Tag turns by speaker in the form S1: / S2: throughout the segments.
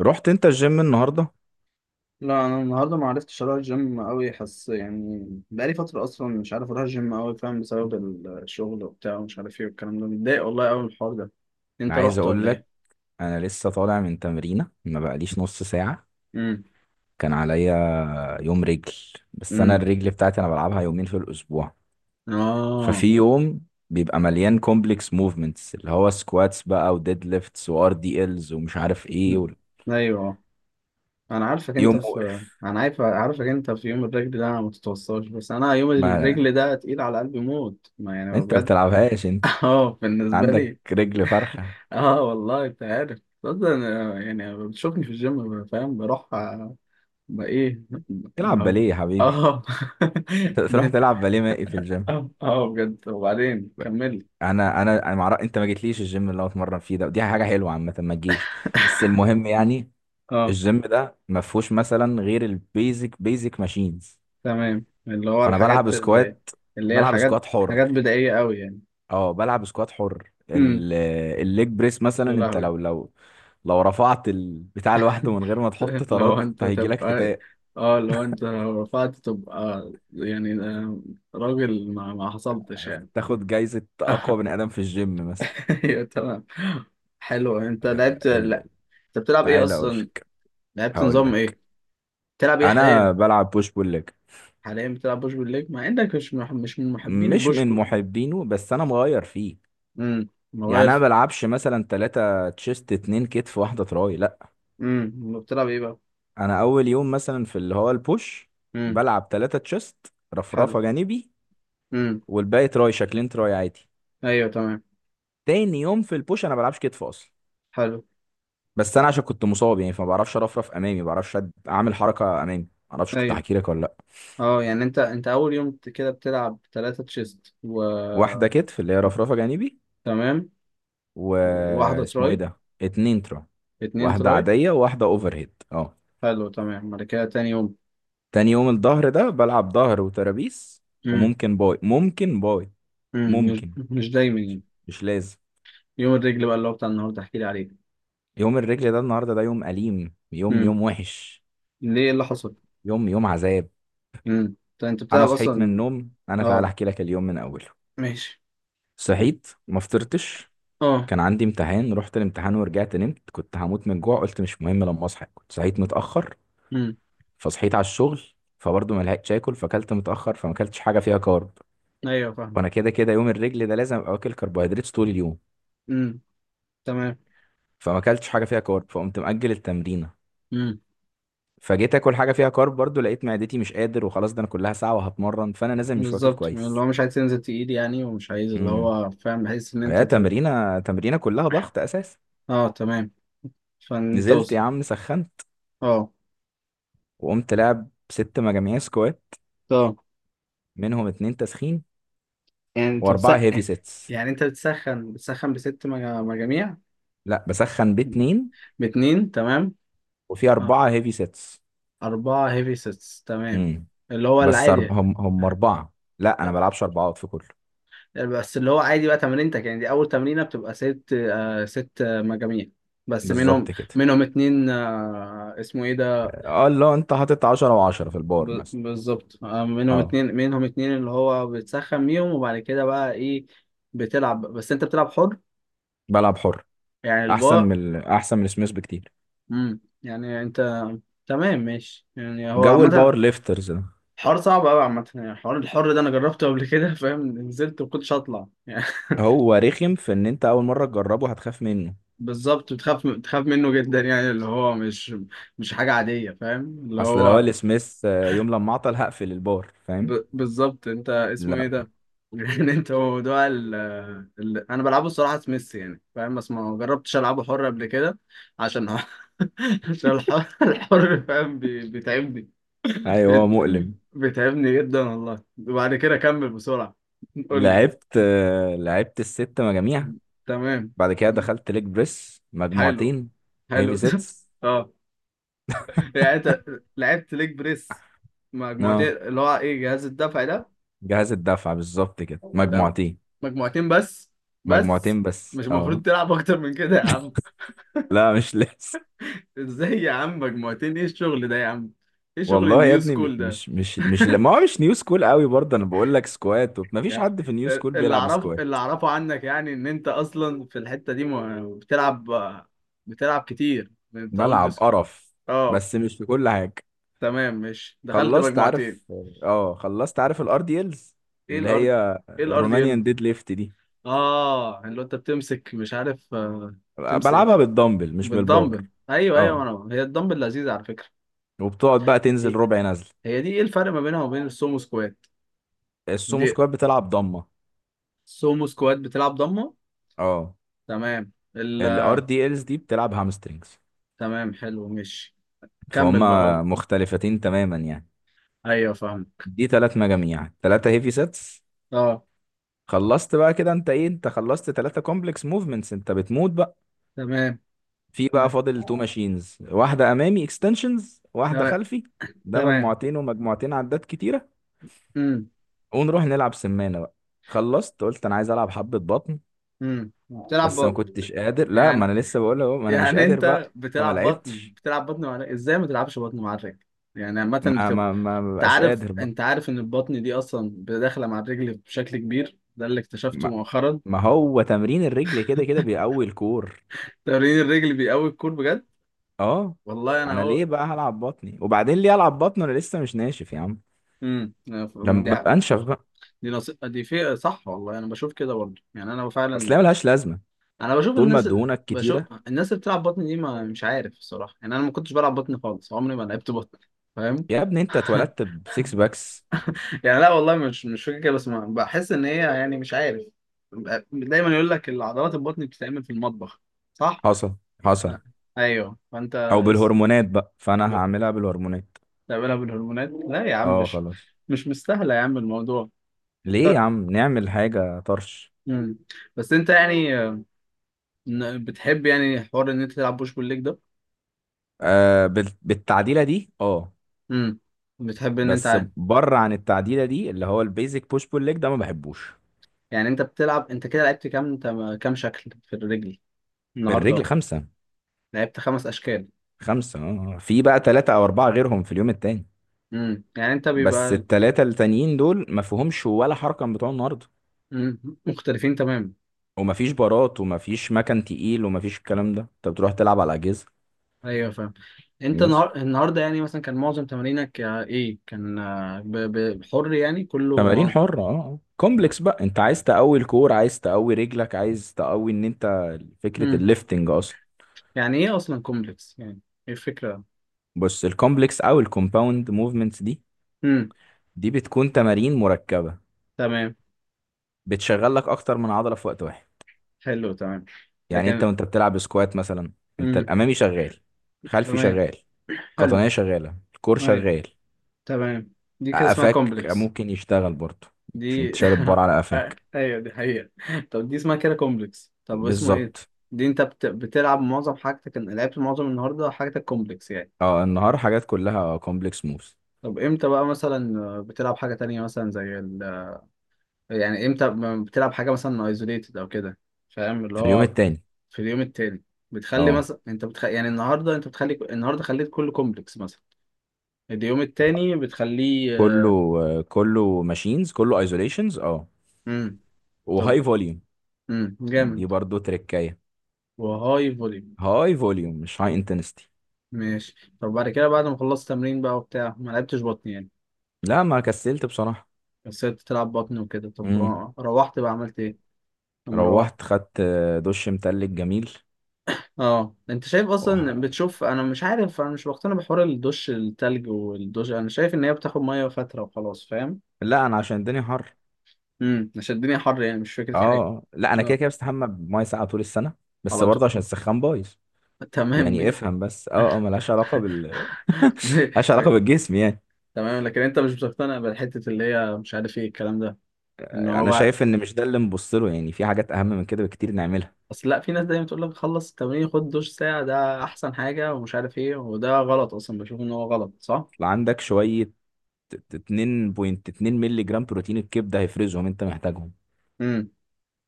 S1: رحت انت الجيم النهارده؟
S2: لا، انا النهارده ما عرفتش اروح الجيم قوي. حس يعني بقالي فتره اصلا مش عارف اروح الجيم قوي، فاهم، بسبب الشغل وبتاع ومش عارف ايه والكلام ده. متضايق والله قوي من الحوار ده.
S1: انا
S2: انت
S1: عايز
S2: رحت
S1: اقول
S2: ولا ايه؟
S1: لك، انا لسه طالع من تمرينه ما بقاليش نص ساعه.
S2: امم.
S1: كان عليا يوم رجل. بس انا
S2: امم.
S1: الرجل بتاعتي انا بلعبها يومين في الاسبوع. ففي
S2: اه.
S1: يوم بيبقى مليان كومبلكس موفمنتس اللي هو سكواتس بقى وديد ليفتس وار دي الز ومش عارف ايه و...
S2: مم. ايوه. انا عارفك انت
S1: يوم
S2: في.
S1: مقرف.
S2: انا عارف، عارفك انت في يوم الرجل ده ما تتوصاش، بس انا يوم
S1: ما
S2: الرجل ده تقيل على قلبي موت، ما يعني
S1: انت ما
S2: بجد.
S1: بتلعبهاش، انت
S2: اه، بالنسبه
S1: عندك
S2: لي.
S1: رجل فرخه،
S2: اه والله، انت عارف اصلا، يعني بتشوفني في الجيم، فاهم، بروح. ما ايه؟
S1: تلعب
S2: ما.
S1: باليه يا حبيبي
S2: اه.
S1: تروح
S2: ده.
S1: تلعب باليه مائي في الجيم.
S2: اه اه، بجد، وبعدين كمل.
S1: انا معرف... انت ما جيتليش الجيم اللي هو اتمرن فيه ده، ودي حاجه حلوه عامه ما تجيش. بس المهم يعني،
S2: اه
S1: الجيم ده ما فيهوش مثلا غير البيزك بيزك ماشينز.
S2: تمام، اللي هو
S1: فانا بلعب
S2: الحاجات اللي،
S1: سكوات،
S2: اللي هي
S1: بلعب
S2: الحاجات،
S1: سكوات
S2: حاجات
S1: حر.
S2: بدائية قوي يعني.
S1: اه بلعب سكوات حر،
S2: امم.
S1: الليج بريس مثلا،
S2: يا
S1: انت
S2: لهوي.
S1: لو لو رفعت البتاع لوحده من غير ما تحط
S2: لو
S1: طارات انت
S2: انت
S1: هيجيلك
S2: تبقى.
S1: فتاء،
S2: اه، لو انت لو رفعت تبقى يعني آه، راجل، ما حصلتش يعني.
S1: تاخد جايزه اقوى بني ادم في الجيم مثلا.
S2: ايوه تمام. حلو، انت
S1: آه،
S2: لعبت لا؟
S1: ال...
S2: انت بتلعب ايه
S1: تعالى اقول
S2: اصلا؟
S1: لك.
S2: لعبت
S1: هقول
S2: نظام
S1: لك،
S2: ايه؟ بتلعب ايه
S1: انا
S2: حاليا؟
S1: بلعب بوش بول ليج.
S2: حاليا بتلعب بوش بول ليج مع انك مش من محبين
S1: مش
S2: البوش
S1: من
S2: بول.
S1: محبينه بس انا مغير فيه.
S2: امم،
S1: يعني انا ما
S2: مغير.
S1: بلعبش مثلا ثلاثة تشيست اتنين كتف واحدة تراي، لا.
S2: امم، بتلعب ايه بقى؟
S1: انا اول يوم مثلا في اللي هو البوش،
S2: امم،
S1: بلعب ثلاثة تشيست،
S2: حلو.
S1: رفرفة جانبي،
S2: امم.
S1: والباقي تراي، شكلين تراي عادي.
S2: ايوه تمام.
S1: تاني يوم في البوش انا بلعبش كتف اصلا.
S2: حلو.
S1: بس انا عشان كنت مصاب يعني فما بعرفش ارفرف امامي، ما بعرفش اعمل حركة امامي. ما اعرفش كنت
S2: ايوه.
S1: هحكي لك ولا لا.
S2: اه، يعني انت انت اول يوم كده بتلعب ثلاثة تشيست و.
S1: واحدة كتف اللي هي رفرفة جانبي،
S2: تمام. واحدة
S1: واسمه ايه
S2: تراي،
S1: ده، اتنين تراي،
S2: اتنين
S1: واحدة
S2: تراي.
S1: عادية وواحدة اوفر هيد اه.
S2: حلو تمام، بعد كده تاني يوم.
S1: تاني يوم الظهر ده بلعب ظهر وترابيس،
S2: امم.
S1: وممكن باي ممكن باي
S2: امم. مش.
S1: ممكن،
S2: مش دايما يعني.
S1: مش لازم.
S2: يوم الرجل بقى اللي هو بتاع النهارده احكي لي عليه.
S1: يوم الرجل ده النهارده ده يوم أليم، يوم
S2: امم.
S1: يوم وحش،
S2: ليه، إيه اللي حصل؟
S1: يوم يوم عذاب.
S2: امم. انت
S1: أنا
S2: بتلعب
S1: صحيت من
S2: اصلا؟
S1: النوم، أنا تعالى
S2: اه.
S1: أحكي لك اليوم من أوله.
S2: ماشي.
S1: صحيت ما فطرتش.
S2: اه.
S1: كان عندي امتحان، رحت الامتحان ورجعت نمت، كنت هموت من الجوع، قلت مش مهم لما أصحى، كنت صحيت متأخر.
S2: امم.
S1: فصحيت على الشغل، فبرضه ما لحقتش آكل، فأكلت متأخر، فما أكلتش حاجة فيها كارب.
S2: ايوه فاهم.
S1: وأنا كده كده يوم الرجل ده لازم أبقى واكل كربوهيدرات طول اليوم.
S2: امم. تمام.
S1: فما اكلتش حاجه فيها كارب، فقمت مأجل التمرينه.
S2: امم.
S1: فجيت اكل حاجه فيها كارب برضو، لقيت معدتي مش قادر وخلاص، ده انا كلها ساعه وهتمرن فانا نازل مش واكل
S2: بالظبط، اللي
S1: كويس.
S2: هو مش عايز تنزل تقيل يعني ومش عايز، اللي
S1: امم،
S2: هو فاهم، بحيث ان انت
S1: هي
S2: ت...
S1: تمرينه كلها ضغط اساسا.
S2: اه تمام. فانت وص...
S1: نزلت يا عم، سخنت
S2: اه.
S1: وقمت لعب ست مجاميع سكوات،
S2: اه،
S1: منهم اتنين تسخين
S2: يعني انت
S1: واربعه هيفي
S2: بتسخن؟
S1: سيتس.
S2: يعني انت بتسخن بست مجاميع؟
S1: لا بسخن باتنين
S2: باتنين، تمام.
S1: وفي
S2: اه.
S1: اربعه هيفي سيتس.
S2: اربعة هيفي سيتس، تمام.
S1: امم،
S2: اللي هو
S1: بس
S2: العادي.
S1: هم
S2: آه.
S1: اربعه. لا انا بلعبش اربعات في كله،
S2: بس اللي هو عادي بقى تمرينتك، يعني دي اول تمرينة بتبقى ست آه، ست آه، مجاميع. بس منهم.
S1: بالظبط كده.
S2: منهم اتنين آه، اسمه ايه ده؟
S1: اه لا انت حاطط 10 و10 في البار مثلا.
S2: بالظبط آه، منهم
S1: اه
S2: اتنين، اللي هو بتسخن بيهم، وبعد كده بقى ايه؟ بتلعب، بس انت بتلعب حر؟
S1: بلعب حر،
S2: يعني
S1: احسن من
S2: الباء.
S1: احسن من سميث بكتير،
S2: امم، يعني انت. تمام ماشي، يعني هو
S1: جو
S2: عامة
S1: الباور ليفترز ده.
S2: حوار صعب قوي عامة. يعني حوار الحر ده انا جربته قبل كده. فاهم، نزلت وكنتش هطلع يعني.
S1: هو رخم في ان انت اول مره تجربه هتخاف منه.
S2: بالظبط، بتخاف منه جدا، يعني اللي هو مش، مش حاجة عادية، فاهم، اللي
S1: اصل لو
S2: هو
S1: قال سميث يوم لما عطل هقفل البار فاهم،
S2: ب... بالظبط، انت اسمه ايه
S1: لا.
S2: ده؟ يعني انت، هو موضوع ال... ال... انا بلعبه الصراحه سميث، يعني فاهم، بس ما جربتش العبه حر قبل كده، عشان عشان الحر فاهم بي... بيتعبني.
S1: ايوه هو
S2: بيت...
S1: مؤلم.
S2: بيتعبني جدا والله. وبعد كده كمل بسرعه. قول لي.
S1: لعبت، لعبت الست مجاميع.
S2: تمام.
S1: بعد كده دخلت ليج بريس
S2: حلو.
S1: مجموعتين
S2: حلو.
S1: هيفي سيتس،
S2: اه، يعني انت لعبت ليج بريس مجموعتين،
S1: اه.
S2: اللي هو ايه جهاز الدفع ده؟
S1: جهاز الدفع بالظبط كده،
S2: طب،
S1: مجموعتين.
S2: مجموعتين بس؟ بس؟
S1: مجموعتين بس
S2: مش المفروض
S1: اه.
S2: تلعب اكتر من كده يا عم؟
S1: لا مش لسه.
S2: ازاي يا عم، مجموعتين، ايه الشغل ده يا عم، ايه شغل
S1: والله يا
S2: النيو
S1: ابني، م-
S2: سكول ده؟
S1: مش مش مش لا- ما هو مش نيو سكول قوي برضه، انا بقول لك سكوات ما فيش
S2: يا-.
S1: حد في نيو سكول بيلعب سكوات،
S2: اللي اعرفه عنك يعني ان انت اصلا في الحتة دي بتلعب، بتلعب كتير، انت اولد
S1: ملعب
S2: سكول.
S1: قرف،
S2: اه
S1: بس مش في كل حاجه.
S2: تمام ماشي، دخلت
S1: خلصت عارف،
S2: مجموعتين.
S1: اه خلصت عارف الار دي الز،
S2: ايه
S1: اللي
S2: الارض؟
S1: هي
S2: ايه الارض ال.
S1: الرومانيان ديد ليفت دي.
S2: اه، اللي هو انت بتمسك، مش عارف آه، بتمسك
S1: بلعبها بالدمبل مش بالبار.
S2: بالدمبل، ايوه ايوه،
S1: اه
S2: انا هي الدمبل لذيذة على فكرة.
S1: وبتقعد بقى تنزل ربع نزل.
S2: هي دي، ايه الفرق ما بينها وبين السومو سكوات؟
S1: السومو
S2: دي.
S1: سكوات بتلعب ضمه،
S2: السومو سكوات بتلعب ضمه؟
S1: اه.
S2: تمام ال...
S1: الار دي الز دي بتلعب هامسترينجز.
S2: تمام حلو ماشي. كمل بقى.
S1: فهما مختلفتين تماما يعني.
S2: ايوه فاهمك.
S1: دي تلات مجاميع تلاتة هيفي سيتس.
S2: اه.
S1: خلصت بقى كده، انت ايه، انت خلصت ثلاثة كومبلكس موفمنتس، انت بتموت بقى.
S2: تمام.
S1: في بقى فاضل تو ماشينز، واحدة امامي اكستنشنز واحدة
S2: تمام.
S1: خلفي. ده
S2: تمام.
S1: مجموعتين ومجموعتين عدات كتيرة.
S2: امم.
S1: ونروح نلعب سمانة بقى. خلصت قلت انا عايز العب حبة بطن،
S2: امم. بتلعب ب...
S1: بس ما
S2: بت...
S1: كنتش قادر. لا ما
S2: يعني.
S1: انا لسه بقول اهو، ما انا مش
S2: يعني
S1: قادر
S2: انت
S1: بقى، فما
S2: بتلعب بطن،
S1: لعبتش.
S2: بتلعب بطن مع الرجل؟ ازاي ما تلعبش بطن مع الرجل؟ يعني عامة
S1: ما
S2: بتبقى.
S1: ما ما ما بقاش قادر بقى.
S2: انت عارف ان البطن دي اصلا داخلة مع الرجل بشكل كبير، ده اللي اكتشفته
S1: ما,
S2: مؤخرا.
S1: ما هو تمرين الرجل كده كده بيقوي الكور،
S2: تمرين الرجل بيقوي الكور بجد.
S1: اه.
S2: والله
S1: انا
S2: انا.
S1: ليه بقى هلعب بطني، وبعدين ليه العب بطن، انا لسه مش ناشف يا عم،
S2: امم. دي
S1: لما ابقى
S2: حق.
S1: انشف بقى.
S2: دي نص... دي في صح. والله انا بشوف كده برضه، يعني انا
S1: اصل هي
S2: فعلا
S1: ملهاش لازمه.
S2: انا بشوف
S1: طول ما
S2: الناس ال...
S1: دهونك
S2: بشوف
S1: كتيره
S2: الناس اللي بتلعب بطن دي، ما مش عارف الصراحه. يعني انا ما كنتش بلعب بطن خالص، عمري ما لعبت بطن، فاهم.
S1: يا ابني انت اتولدت بسكس باكس.
S2: يعني لا والله، مش فاكر كده، بس ما... بحس ان هي يعني مش عارف. دايما يقول لك العضلات البطن بتتعمل في المطبخ، صح؟
S1: حصل حصل.
S2: لا. ايوه فانت
S1: او
S2: اس...
S1: بالهرمونات بقى، فانا
S2: ب-
S1: هعملها بالهرمونات.
S2: بتعملها بالهرمونات؟ لا يا عم،
S1: اه خلاص.
S2: مش مستاهله يا عم الموضوع.
S1: ليه يا عم نعمل حاجه طرش.
S2: امم. بس انت يعني، إن- بتحب يعني حوار ان انت تلعب بوش بول ليج ده؟
S1: آه بالتعديله دي اه.
S2: امم. بتحب ان انت
S1: بس
S2: عارف،
S1: بره عن التعديله دي اللي هو البيزك بوش بول ليج ده، ما بحبوش.
S2: يعني انت بتلعب، انت كده لعبت كام، انت كام شكل في الرجل النهارده؟
S1: الرجل خمسه.
S2: لعبت خمس اشكال.
S1: خمسه اه آه. في بقى ثلاثه او اربعه غيرهم في اليوم التاني.
S2: امم، يعني انت
S1: بس
S2: بيبقى.
S1: الثلاثه التانيين دول ما فيهمش ولا حركه من بتوع النهارده.
S2: مم. مختلفين تماما.
S1: ومفيش بارات ومفيش مكان تقيل ومفيش الكلام ده، انت بتروح تلعب على اجهزه.
S2: ايوه فاهم. انت
S1: بس
S2: النهار... النهارده يعني مثلا كان معظم تمارينك آه، ايه كان آه، ب... ب... حر يعني كله
S1: تمارين
S2: معظم.
S1: حره اه آه. كومبلكس بقى، انت عايز تقوي الكور، عايز تقوي رجلك، عايز تقوي ان انت، فكره
S2: امم،
S1: الليفتنج اصلا.
S2: يعني ايه اصلا كومبلكس يعني، ايه الفكره؟
S1: بص الكومبلكس او الكومباوند موفمنتس دي،
S2: امم.
S1: دي بتكون تمارين مركبه،
S2: تمام
S1: بتشغل لك اكتر من عضله في وقت واحد.
S2: حلو. تمام. ده
S1: يعني انت
S2: كان.
S1: وانت بتلعب سكوات مثلا، انت
S2: امم.
S1: الامامي شغال، خلفي
S2: تمام.
S1: شغال،
S2: حلو.
S1: قطنيه شغاله، الكور
S2: ايوه
S1: شغال.
S2: تمام. دي كده اسمها
S1: قفاك
S2: كومبلكس؟
S1: ممكن يشتغل برضه، مش انت
S2: دي.
S1: شارب بار على
S2: آه،
S1: قفاك.
S2: ايوه دي حقيقة. طب دي اسمها كده كومبلكس، طب اسمه ايه؟
S1: بالظبط.
S2: دي انت بت... بتلعب معظم حاجتك، لعبت معظم النهارده حاجتك كومبلكس يعني؟
S1: اه النهار حاجات كلها كومبلكس موفز.
S2: طب امتى بقى مثلا آه، بتلعب حاجة تانية مثلا زي ال... يعني امتى بتلعب حاجة مثلا ايزوليتد او كده، فاهم اللي
S1: في اليوم
S2: هو؟
S1: التاني،
S2: في اليوم التاني؟ بتخلي
S1: اه
S2: مثلا انت بتخ... يعني النهارده انت بتخلي، النهارده خليت كله كومبلكس مثلا. اليوم التاني بتخليه.
S1: كله، كله ماشينز كله ايزوليشنز اه،
S2: امم. طب.
S1: وهاي فوليوم. دي
S2: جامد.
S1: برضو تركايه.
S2: وهاي فوليوم.
S1: هاي فوليوم مش هاي انتنستي.
S2: ماشي طب، بعد كده بعد ما خلصت تمرين بقى وبتاع، ما لعبتش بطن يعني.
S1: لا ما كسلت بصراحة.
S2: بس سبت تلعب بطن وكده، طب
S1: امم.
S2: روحت بقى عملت ايه لما روحت؟
S1: روحت خدت دش متلج جميل.
S2: اه انت شايف اصلا،
S1: وح-
S2: بتشوف، انا مش عارف، انا مش بقتنع بحوار الدش التلج والدش، انا شايف ان هي بتاخد ميه فتره وخلاص، فاهم.
S1: لا انا عشان الدنيا حر.
S2: امم، عشان الدنيا حر يعني، مش فكره حاجه.
S1: اه لا انا كده
S2: اه،
S1: كده بستحمى بميه ساقعة طول السنة، بس
S2: على طول.
S1: برضه عشان السخان بايظ.
S2: تمام.
S1: يعني
S2: مي-.
S1: افهم بس، اه اه، ملهاش علاقة بال
S2: مي-.
S1: ملهاش علاقة
S2: مي-.
S1: بالجسم يعني.
S2: تمام، لكن انت مش بتقتنع بالحته اللي هي، مش عارف ايه الكلام ده، ان هو
S1: انا
S2: بقى.
S1: شايف ان مش ده اللي نبص له، يعني في حاجات اهم من كده بكتير نعملها.
S2: اصل لا، في ناس دايما تقول لك خلص التمرين خد دش ساعة ده احسن حاجة ومش عارف ايه، وده غلط اصلا، بشوف ان هو غلط صح؟
S1: لو عندك شويه 2.2 مللي جرام بروتين الكبده هيفرزهم انت محتاجهم.
S2: امم.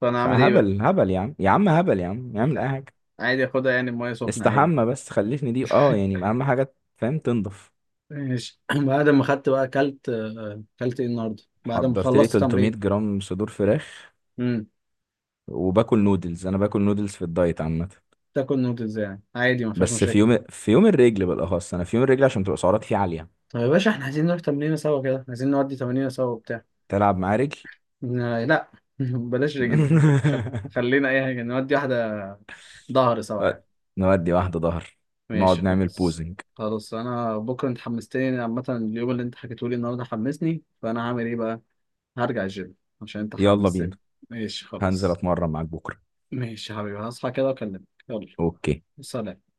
S2: فانا اعمل ايه بقى؟
S1: فهبل هبل يا عم، يا عم هبل يا عم، اعمل اي حاجه.
S2: عادي اخدها يعني بمية سخنة عادي.
S1: استحمى بس خلفني دي اه، يعني اهم حاجه فاهم، تنضف.
S2: ماشي. بعد ما خدت بقى، اكلت آه، اكلت ايه النهارده بعد ما
S1: حضرت لي
S2: خلصت
S1: 300
S2: تمرين؟
S1: جرام صدور فراخ،
S2: امم.
S1: وباكل نودلز، انا باكل نودلز في الدايت عامه.
S2: تاكل نودلز يعني عادي، ما فيهاش
S1: بس في
S2: مشاكل؟
S1: يوم، في يوم الرجل بالاخص، انا في يوم الرجل عشان تبقى سعرات فيه عاليه.
S2: طب يا باشا احنا عايزين نروح تمرينة سوا كده، عايزين نودي تمرينة سوا وبتاع.
S1: تلعب معاه رجل
S2: آه، لا بلاش رجل. خل... خلينا اي حاجة، نودي واحدة. ظهر سوا يعني.
S1: نودي واحدة ظهر، نقعد
S2: ماشي
S1: نعمل
S2: خلاص.
S1: بوزنج.
S2: خلاص انا بكره، انت حمستني عامه، اليوم اللي انت حكيته لي النهارده حمسني، فانا هعمل ايه بقى؟ هرجع الجيم عشان انت
S1: يلا بينا،
S2: حمستني. ماشي
S1: هنزل
S2: خلاص.
S1: اتمرن معاك بكرة.
S2: ماشي يا حبيبي، هصحى كده واكلمك. يلا.
S1: اوكي.
S2: سلام.